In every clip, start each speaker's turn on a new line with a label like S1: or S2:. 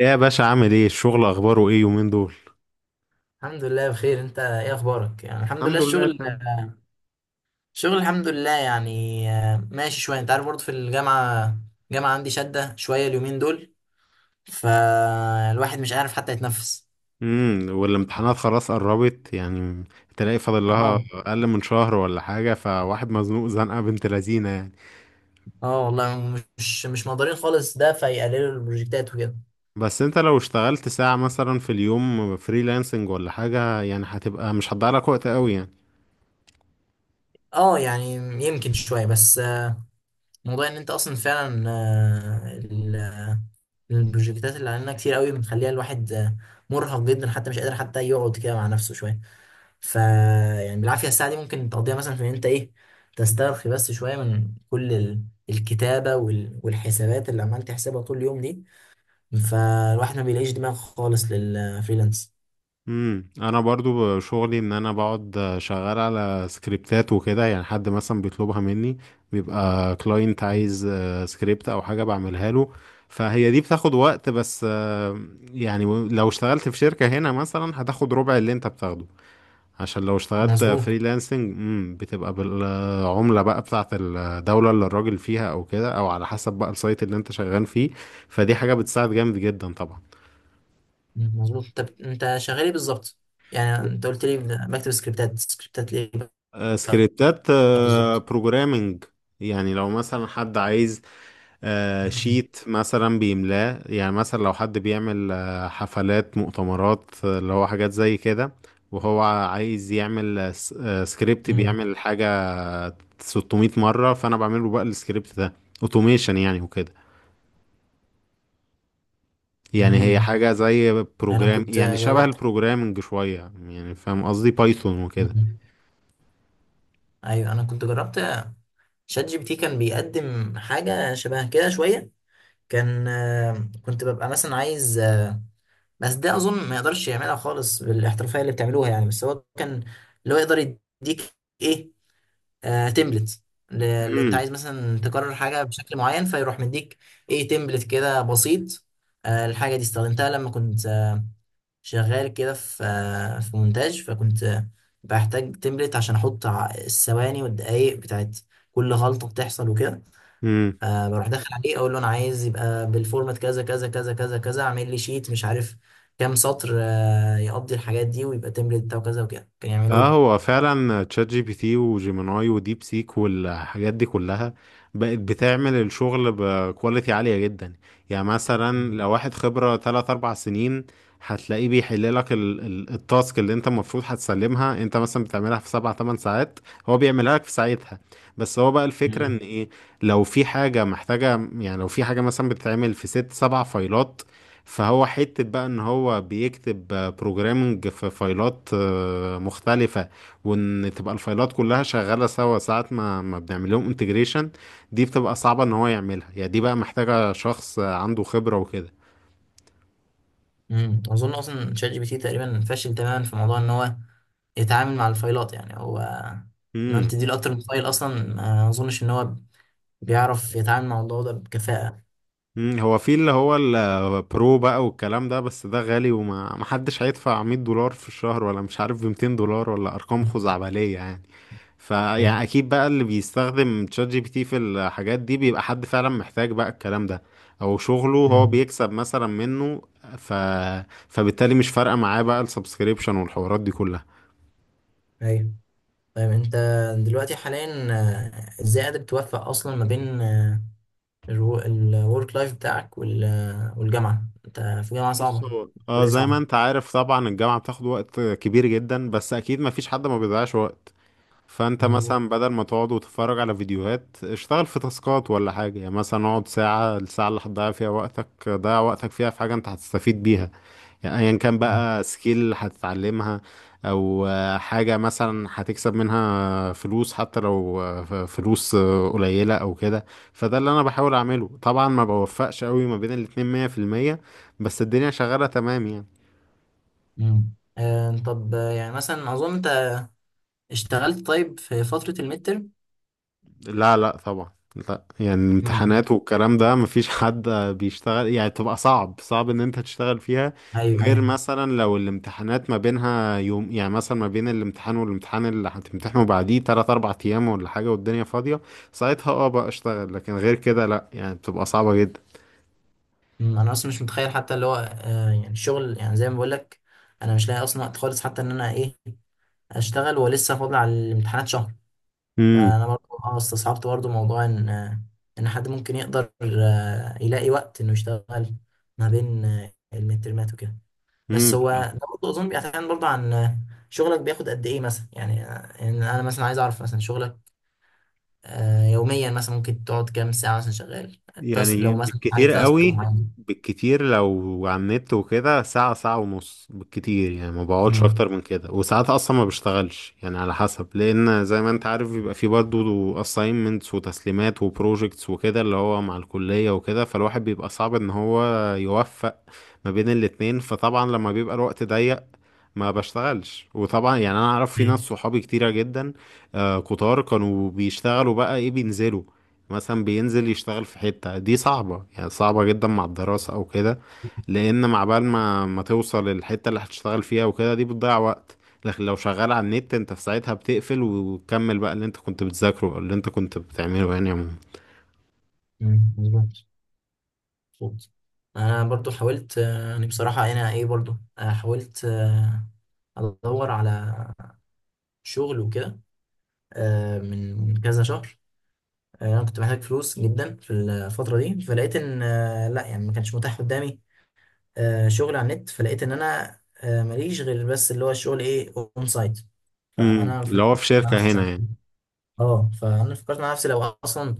S1: ايه يا باشا، عامل ايه؟ الشغل اخباره ايه يومين دول؟
S2: الحمد لله بخير، انت ايه اخبارك؟ يعني الحمد لله.
S1: الحمد لله،
S2: الشغل
S1: تمام.
S2: الحمد لله يعني ماشي شويه. انت عارف برضه في الجامعه، عندي شده شويه اليومين دول، فالواحد مش عارف حتى يتنفس.
S1: والامتحانات خلاص قربت يعني؟ تلاقي فاضل لها
S2: اه.
S1: اقل من شهر ولا حاجه، فواحد مزنوق زنقه بنت لذينه يعني.
S2: اه والله مش مقدرين خالص، ده فيقللوا البروجكتات وكده.
S1: بس انت لو اشتغلت ساعه مثلا في اليوم، فريلانسنج ولا حاجه يعني، هتبقى مش هتضيع لك وقت قوي يعني.
S2: اه يعني يمكن شويه بس. موضوع ان انت اصلا فعلا، البروجكتات اللي علينا كتير قوي، بتخليها الواحد مرهق جدا، حتى مش قادر حتى يقعد كده مع نفسه شويه. ف يعني بالعافيه الساعه دي ممكن تقضيها مثلا في ان انت ايه، تسترخي بس شويه من كل الكتابه والحسابات اللي عمال تحسبها طول اليوم دي. فالواحد ما بيلاقيش دماغ خالص للفريلانس.
S1: انا برضو شغلي ان انا بقعد شغال على سكريبتات وكده، يعني حد مثلا بيطلبها مني. بيبقى كلاينت عايز سكريبت او حاجة بعملها له. فهي دي بتاخد وقت بس. يعني لو اشتغلت في شركة هنا مثلا، هتاخد ربع اللي انت بتاخده. عشان لو اشتغلت
S2: مظبوط.
S1: فريلانسنج بتبقى بالعملة بقى بتاعت الدولة اللي الراجل فيها، او كده، او على حسب بقى السايت اللي انت شغال فيه. فدي حاجة بتساعد جامد جدا طبعا.
S2: مظبوط، طب انت شغال ايه بالظبط؟ يعني انت قلت لي بكتب سكريبتات، سكريبتات ليه بقى؟
S1: سكريبتات،
S2: بالظبط.
S1: بروجرامنج. يعني لو مثلا حد عايز شيت مثلا بيملاه، يعني مثلا لو حد بيعمل حفلات، مؤتمرات، اللي هو حاجات زي كده. وهو عايز يعمل سكريبت
S2: مم.
S1: بيعمل حاجة 600 مرة، فأنا بعمله بقى السكريبت ده اوتوميشن يعني، وكده. يعني هي
S2: مم.
S1: حاجة زي
S2: انا
S1: بروجرام،
S2: كنت
S1: يعني شبه
S2: جربت.
S1: البروجرامنج شوية. يعني فاهم قصدي، بايثون وكده.
S2: مم. ايوه انا كنت جربت شات جي بي تي، كان بيقدم حاجه شبه كده شويه. كان كنت ببقى مثلا عايز بس ده اظن ما يقدرش يعملها خالص بالاحترافيه اللي بتعملوها يعني. بس هو كان اللي هو يقدر يديك ايه، آه، تمبلت. اللي انت عايز مثلا تكرر حاجه بشكل معين، فيروح مديك ايه، تمبلت كده بسيط. آه الحاجه دي استخدمتها لما كنت شغال كده في آه في مونتاج، فكنت بحتاج تمبلت عشان احط الثواني والدقايق بتاعت كل غلطه بتحصل وكده.
S1: امم
S2: آه بروح داخل عليه اقول له انا عايز يبقى بالفورمات كذا كذا كذا كذا كذا، اعمل لي شيت مش عارف كام سطر آه يقضي الحاجات دي، ويبقى تمبلت بتاعه كذا وكده، كان يعملوا
S1: اه،
S2: لي.
S1: هو فعلا تشات جي بي تي وجيميناي وديب سيك والحاجات دي كلها بقت بتعمل الشغل بكواليتي عالية جدا. يعني مثلا لو واحد خبرة 3 4 سنين، هتلاقيه بيحل لك التاسك اللي انت المفروض هتسلمها، انت مثلا بتعملها في 7 8 ساعات، هو بيعملها لك في ساعتها. بس هو بقى الفكرة ان
S2: مم.
S1: ايه، لو في حاجة محتاجة، يعني لو في حاجة مثلا بتتعمل في 6 7 فايلات، فهو حتة بقى ان هو بيكتب بروجرامنج في فايلات مختلفة. وان تبقى الفايلات كلها شغالة سوا، ساعة ما بنعمل لهم انتجريشن، دي بتبقى صعبة ان هو يعملها، يعني دي بقى محتاجة شخص عنده خبرة وكده.
S2: اظن اصلا شات جي بي تي تقريبا فاشل تماما في موضوع ان هو يتعامل مع الفايلات، يعني هو لو انت
S1: امم
S2: تديله اكتر من فايل اصلا، ما اظنش ان هو بيعرف يتعامل مع الموضوع ده بكفاءة.
S1: أمم، هو في اللي هو البرو بقى والكلام ده، بس ده غالي وما محدش هيدفع $100 في الشهر، ولا مش عارف ب $200، ولا ارقام
S2: مم.
S1: خزعبلية يعني. فيعني
S2: أيوة.
S1: اكيد بقى اللي بيستخدم تشات جي بي تي في الحاجات دي بيبقى حد فعلا محتاج بقى الكلام ده، او شغله هو
S2: مم.
S1: بيكسب مثلا منه. ف... فبالتالي مش فارقه معاه بقى السبسكريبشن والحوارات دي كلها.
S2: ايوه. طيب انت دلوقتي حاليا ازاي قادر توفق اصلا ما بين الورك لايف بتاعك والجامعة؟ انت في جامعة
S1: بص،
S2: صعبة،
S1: هو اه
S2: كلية
S1: زي ما
S2: صعبة.
S1: انت عارف طبعا، الجامعه بتاخد وقت كبير جدا، بس اكيد ما فيش حد ما بيضيعش وقت. فانت
S2: مظبوط.
S1: مثلا بدل ما تقعد وتتفرج على فيديوهات، اشتغل في تاسكات ولا حاجه يعني، مثلا اقعد ساعه، الساعه اللي هتضيع فيها وقتك ضيع وقتك فيها في حاجه انت هتستفيد بيها. يعني ايا كان
S2: مم.
S1: بقى، سكيل هتتعلمها، او حاجة مثلا هتكسب منها فلوس، حتى لو فلوس قليلة او كده. فده اللي انا بحاول اعمله طبعا، ما بوفقش قوي ما بين الاتنين 100%، بس الدنيا شغالة تمام يعني.
S2: مم. طب يعني مثلا اظن انت اشتغلت طيب في فترة الميد ترم.
S1: لا، لا طبعا. لا يعني،
S2: مم.
S1: الامتحانات والكلام ده مفيش حد بيشتغل يعني، تبقى صعب، صعب ان انت تشتغل فيها.
S2: ايوه
S1: غير
S2: ايوه.
S1: مثلا لو الامتحانات ما بينها يوم، يعني مثلا ما بين الامتحان والامتحان اللي هتمتحنه بعديه 3 4 ايام ولا حاجة، والدنيا فاضية. ساعتها اه بقى اشتغل، لكن غير كده لا، يعني بتبقى صعبة جدا.
S2: انا اصلا مش متخيل حتى اللي هو آه، يعني الشغل، يعني زي ما بقول لك انا مش لاقي اصلا وقت خالص حتى ان انا ايه اشتغل، ولسه فاضل على الامتحانات شهر. فانا برضه اه استصعبت برضه موضوع ان ان حد ممكن يقدر يلاقي وقت انه يشتغل ما بين المترمات وكده. بس هو
S1: امم
S2: ده برضه اظن بيعتمد برضه عن شغلك بياخد قد ايه مثلا، يعني يعني انا مثلا عايز اعرف مثلا شغلك يوميا مثلا ممكن تقعد كام ساعه مثلا شغال؟
S1: يعني
S2: لو مثلا
S1: بالكتير
S2: عليك تاسك
S1: قوي.
S2: معين.
S1: بالكتير لو على النت وكده، ساعة ساعة ونص بالكتير يعني، ما بقعدش أكتر
S2: مم.
S1: من كده، وساعات أصلا ما بشتغلش يعني على حسب، لأن زي ما أنت عارف بيبقى فيه برضه assignments وتسليمات وبروجيكتس وكده اللي هو مع الكلية وكده، فالواحد بيبقى صعب إن هو يوفق ما بين الاتنين. فطبعا لما بيبقى الوقت ضيق ما بشتغلش. وطبعا يعني انا اعرف في ناس
S2: ايه.
S1: صحابي كتيرة جدا، كتار كانوا بيشتغلوا بقى ايه، بينزلوا، مثلا بينزل يشتغل في حتة، دي صعبة يعني، صعبة جدا مع الدراسة او كده. لان مع بال ما توصل الحتة اللي هتشتغل فيها وكده، دي بتضيع وقت. لكن لو شغال على النت انت في ساعتها بتقفل وتكمل بقى اللي انت كنت بتذاكره أو اللي انت كنت بتعمله، يعني عموما.
S2: مم. مظبوط. مظبوط. انا برضو حاولت يعني بصراحه انا ايه برضو حاولت ادور على شغل وكده من كذا شهر. انا كنت محتاج فلوس جدا في الفتره دي، فلقيت ان لا يعني ما كانش متاح قدامي شغل على النت، فلقيت ان انا ماليش غير بس اللي هو الشغل ايه، اون سايت. فانا
S1: اللي
S2: فكرت
S1: هو في
S2: مع
S1: شركة
S2: نفسي،
S1: هنا يعني؟
S2: اه فانا فكرت مع نفسي لو اصلا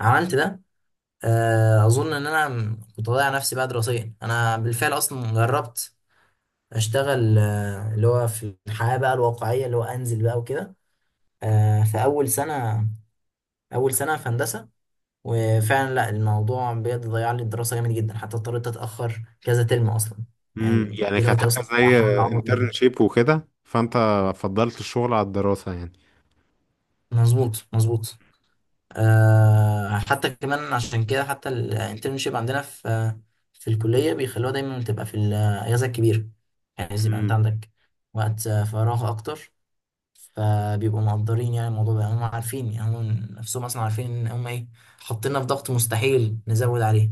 S2: عملت ده، اظن ان انا كنت هضيع نفسي بقى دراسيا. انا بالفعل اصلا جربت اشتغل، اللي هو في الحياه بقى الواقعيه، اللي هو انزل بقى وكده، في اول سنه، في هندسه. وفعلا لا الموضوع بجد ضيع لي الدراسة جامد جدا، حتى اضطريت اتأخر كذا ترم اصلا. يعني
S1: يعني كانت
S2: دلوقتي
S1: حاجة
S2: اصلا
S1: زي
S2: بحاول اعوض.
S1: انترنشيب وكده، فانت فضلت الشغل على الدراسة يعني؟
S2: مظبوط مظبوط. أه حتى كمان عشان كده حتى الانترنشيب عندنا في الكلية بيخلوها دايما تبقى في الأجازة الكبيرة، يعني عايز يبقى انت
S1: امم
S2: عندك وقت فراغ اكتر. فبيبقوا مقدرين يعني الموضوع ده، هم عارفين، يعني هم نفسهم اصلا عارفين ان هم ايه، حاطيننا في ضغط مستحيل نزود عليه.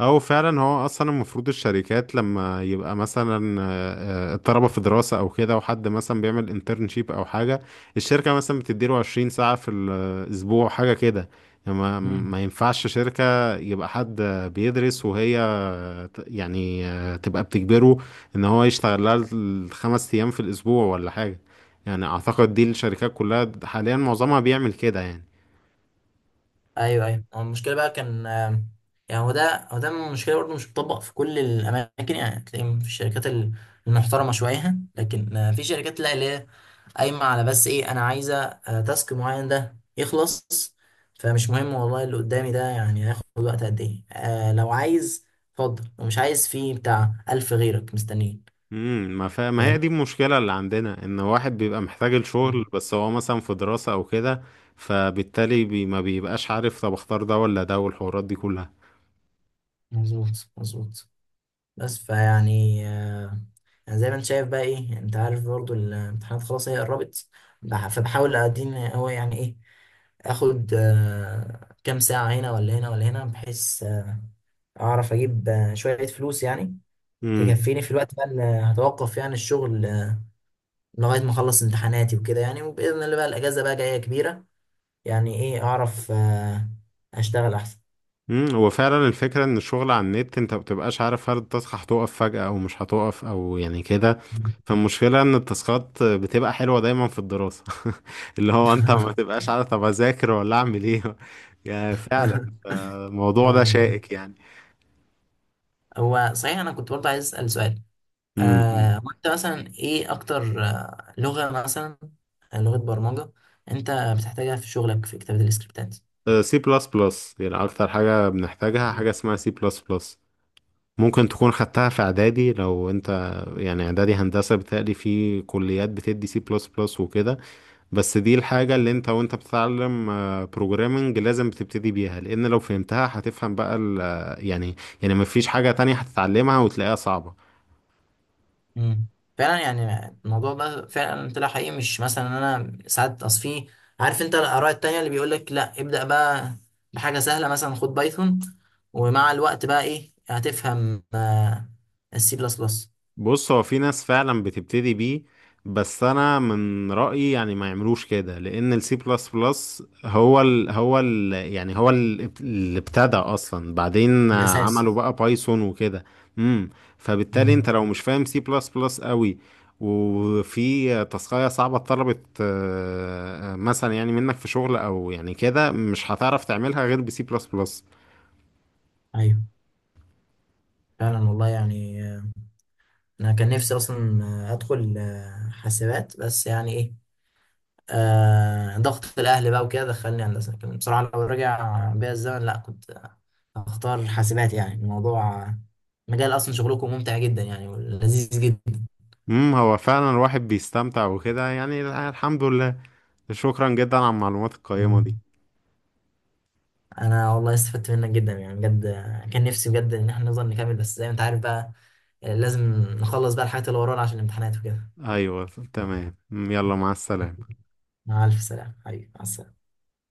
S1: او فعلا هو اصلا المفروض الشركات لما يبقى مثلا الطلبة في دراسة او كده، وحد مثلا بيعمل انترنشيب او حاجة، الشركة مثلا بتديله 20 ساعة في الاسبوع، حاجة كده. يعني ما
S2: مم.
S1: ما ينفعش شركة يبقى حد بيدرس وهي، يعني تبقى بتجبره ان هو يشتغل لها الـ5 ايام في الاسبوع ولا حاجة. يعني اعتقد دي الشركات كلها حاليا معظمها بيعمل كده يعني.
S2: ايوه ايوه. هو المشكله بقى كان يعني هو ده المشكله برضه، مش بتطبق في كل الاماكن. يعني تلاقي في الشركات المحترمه شويه، لكن في شركات لا، اللي هي قايمه على بس ايه، انا عايزه تاسك معين ده يخلص، فمش مهم والله اللي قدامي ده يعني هياخد وقت قد ايه. آه لو عايز اتفضل، ومش عايز في بتاع ألف غيرك مستنيين.
S1: ما هي
S2: فاهم.
S1: دي المشكلة اللي عندنا، ان واحد بيبقى محتاج الشغل بس هو مثلا في دراسة او كده، فبالتالي ما بيبقاش عارف طب اختار ده ولا ده والحوارات دي كلها.
S2: مظبوط مظبوط. بس فيعني آه، يعني زي ما انت شايف بقى ايه، يعني انت عارف برضو الامتحانات خلاص هي قربت، فبحاول ادين هو يعني ايه، اخد كام ساعة هنا ولا هنا ولا هنا، بحيث اعرف اجيب شوية فلوس يعني،
S1: مم.
S2: تكفيني في الوقت بقى اللي هتوقف يعني الشغل لغاية ما اخلص امتحاناتي وكده يعني. وبإذن الله بقى الاجازة بقى جاية كبيرة، يعني ايه اعرف اشتغل احسن.
S1: هو فعلا الفكرة ان الشغل على النت انت مبتبقاش عارف هل التاسك هتقف فجأة او مش هتقف، او يعني كده. فالمشكلة ان التاسكات بتبقى حلوة دايما في الدراسة. اللي هو انت ما تبقاش عارف، طب اذاكر ولا اعمل ايه؟ يعني فعلا
S2: اه
S1: الموضوع ده
S2: والله.
S1: شائك يعني.
S2: هو صحيح انا كنت برضه عايز اسال سؤال،
S1: امم
S2: وانت مثلا ايه اكتر لغة مثلا لغة برمجة انت بتحتاجها في شغلك في كتابة السكريبتات؟
S1: سي بلس بلس يعني، اكتر حاجة بنحتاجها حاجة اسمها سي بلس بلس. ممكن تكون خدتها في اعدادي لو انت يعني اعدادي هندسة، بتقلي في كليات بتدي سي بلس بلس وكده. بس دي الحاجة اللي انت وانت بتتعلم بروجرامنج لازم بتبتدي بيها، لان لو فهمتها هتفهم بقى يعني، يعني مفيش حاجة تانية هتتعلمها وتلاقيها صعبة.
S2: مم. فعلا يعني الموضوع ده فعلا طلع حقيقي. مش مثلا انا ساعات اصفيه، عارف انت الاراء التانية اللي بيقول لك لا ابدأ بقى بحاجة سهلة مثلا، خد بايثون، ومع الوقت بقى ايه هتفهم آه السي بلس بلس.
S1: بص، هو في ناس فعلا بتبتدي بيه، بس انا من رأيي يعني ما يعملوش كده، لان السي بلس بلس هو ال هو ال يعني هو ال- اللي ابتدى اصلا، بعدين
S2: الاساس.
S1: عملوا بقى بايثون وكده. امم فبالتالي
S2: مم.
S1: انت لو مش فاهم سي بلس بلس قوي، وفي تاسكاية صعبة اتطلبت مثلا يعني منك في شغل او يعني كده، مش هتعرف تعملها غير بسي بلس بلس.
S2: ايوه فعلا والله. يعني انا كان نفسي اصلا ادخل حاسبات، بس يعني ايه، آه ضغط الاهل بقى وكده دخلني هندسه، لكن بصراحه لو رجع بيا الزمن لا كنت اختار حاسبات. يعني الموضوع مجال اصلا شغلكم ممتع جدا يعني ولذيذ جدا.
S1: هو فعلا الواحد بيستمتع وكده يعني، الحمد لله. شكرا جدا على المعلومات القيمة دي.
S2: انا والله استفدت منك جدا يعني بجد، كان نفسي بجد ان احنا نفضل نكمل، بس زي ما انت عارف بقى لازم نخلص بقى الحاجات اللي ورانا عشان الامتحانات وكده.
S1: ايوه، تمام، مم، يلا مع السلامة.
S2: مع الف سلامه حبيبي، مع السلامه.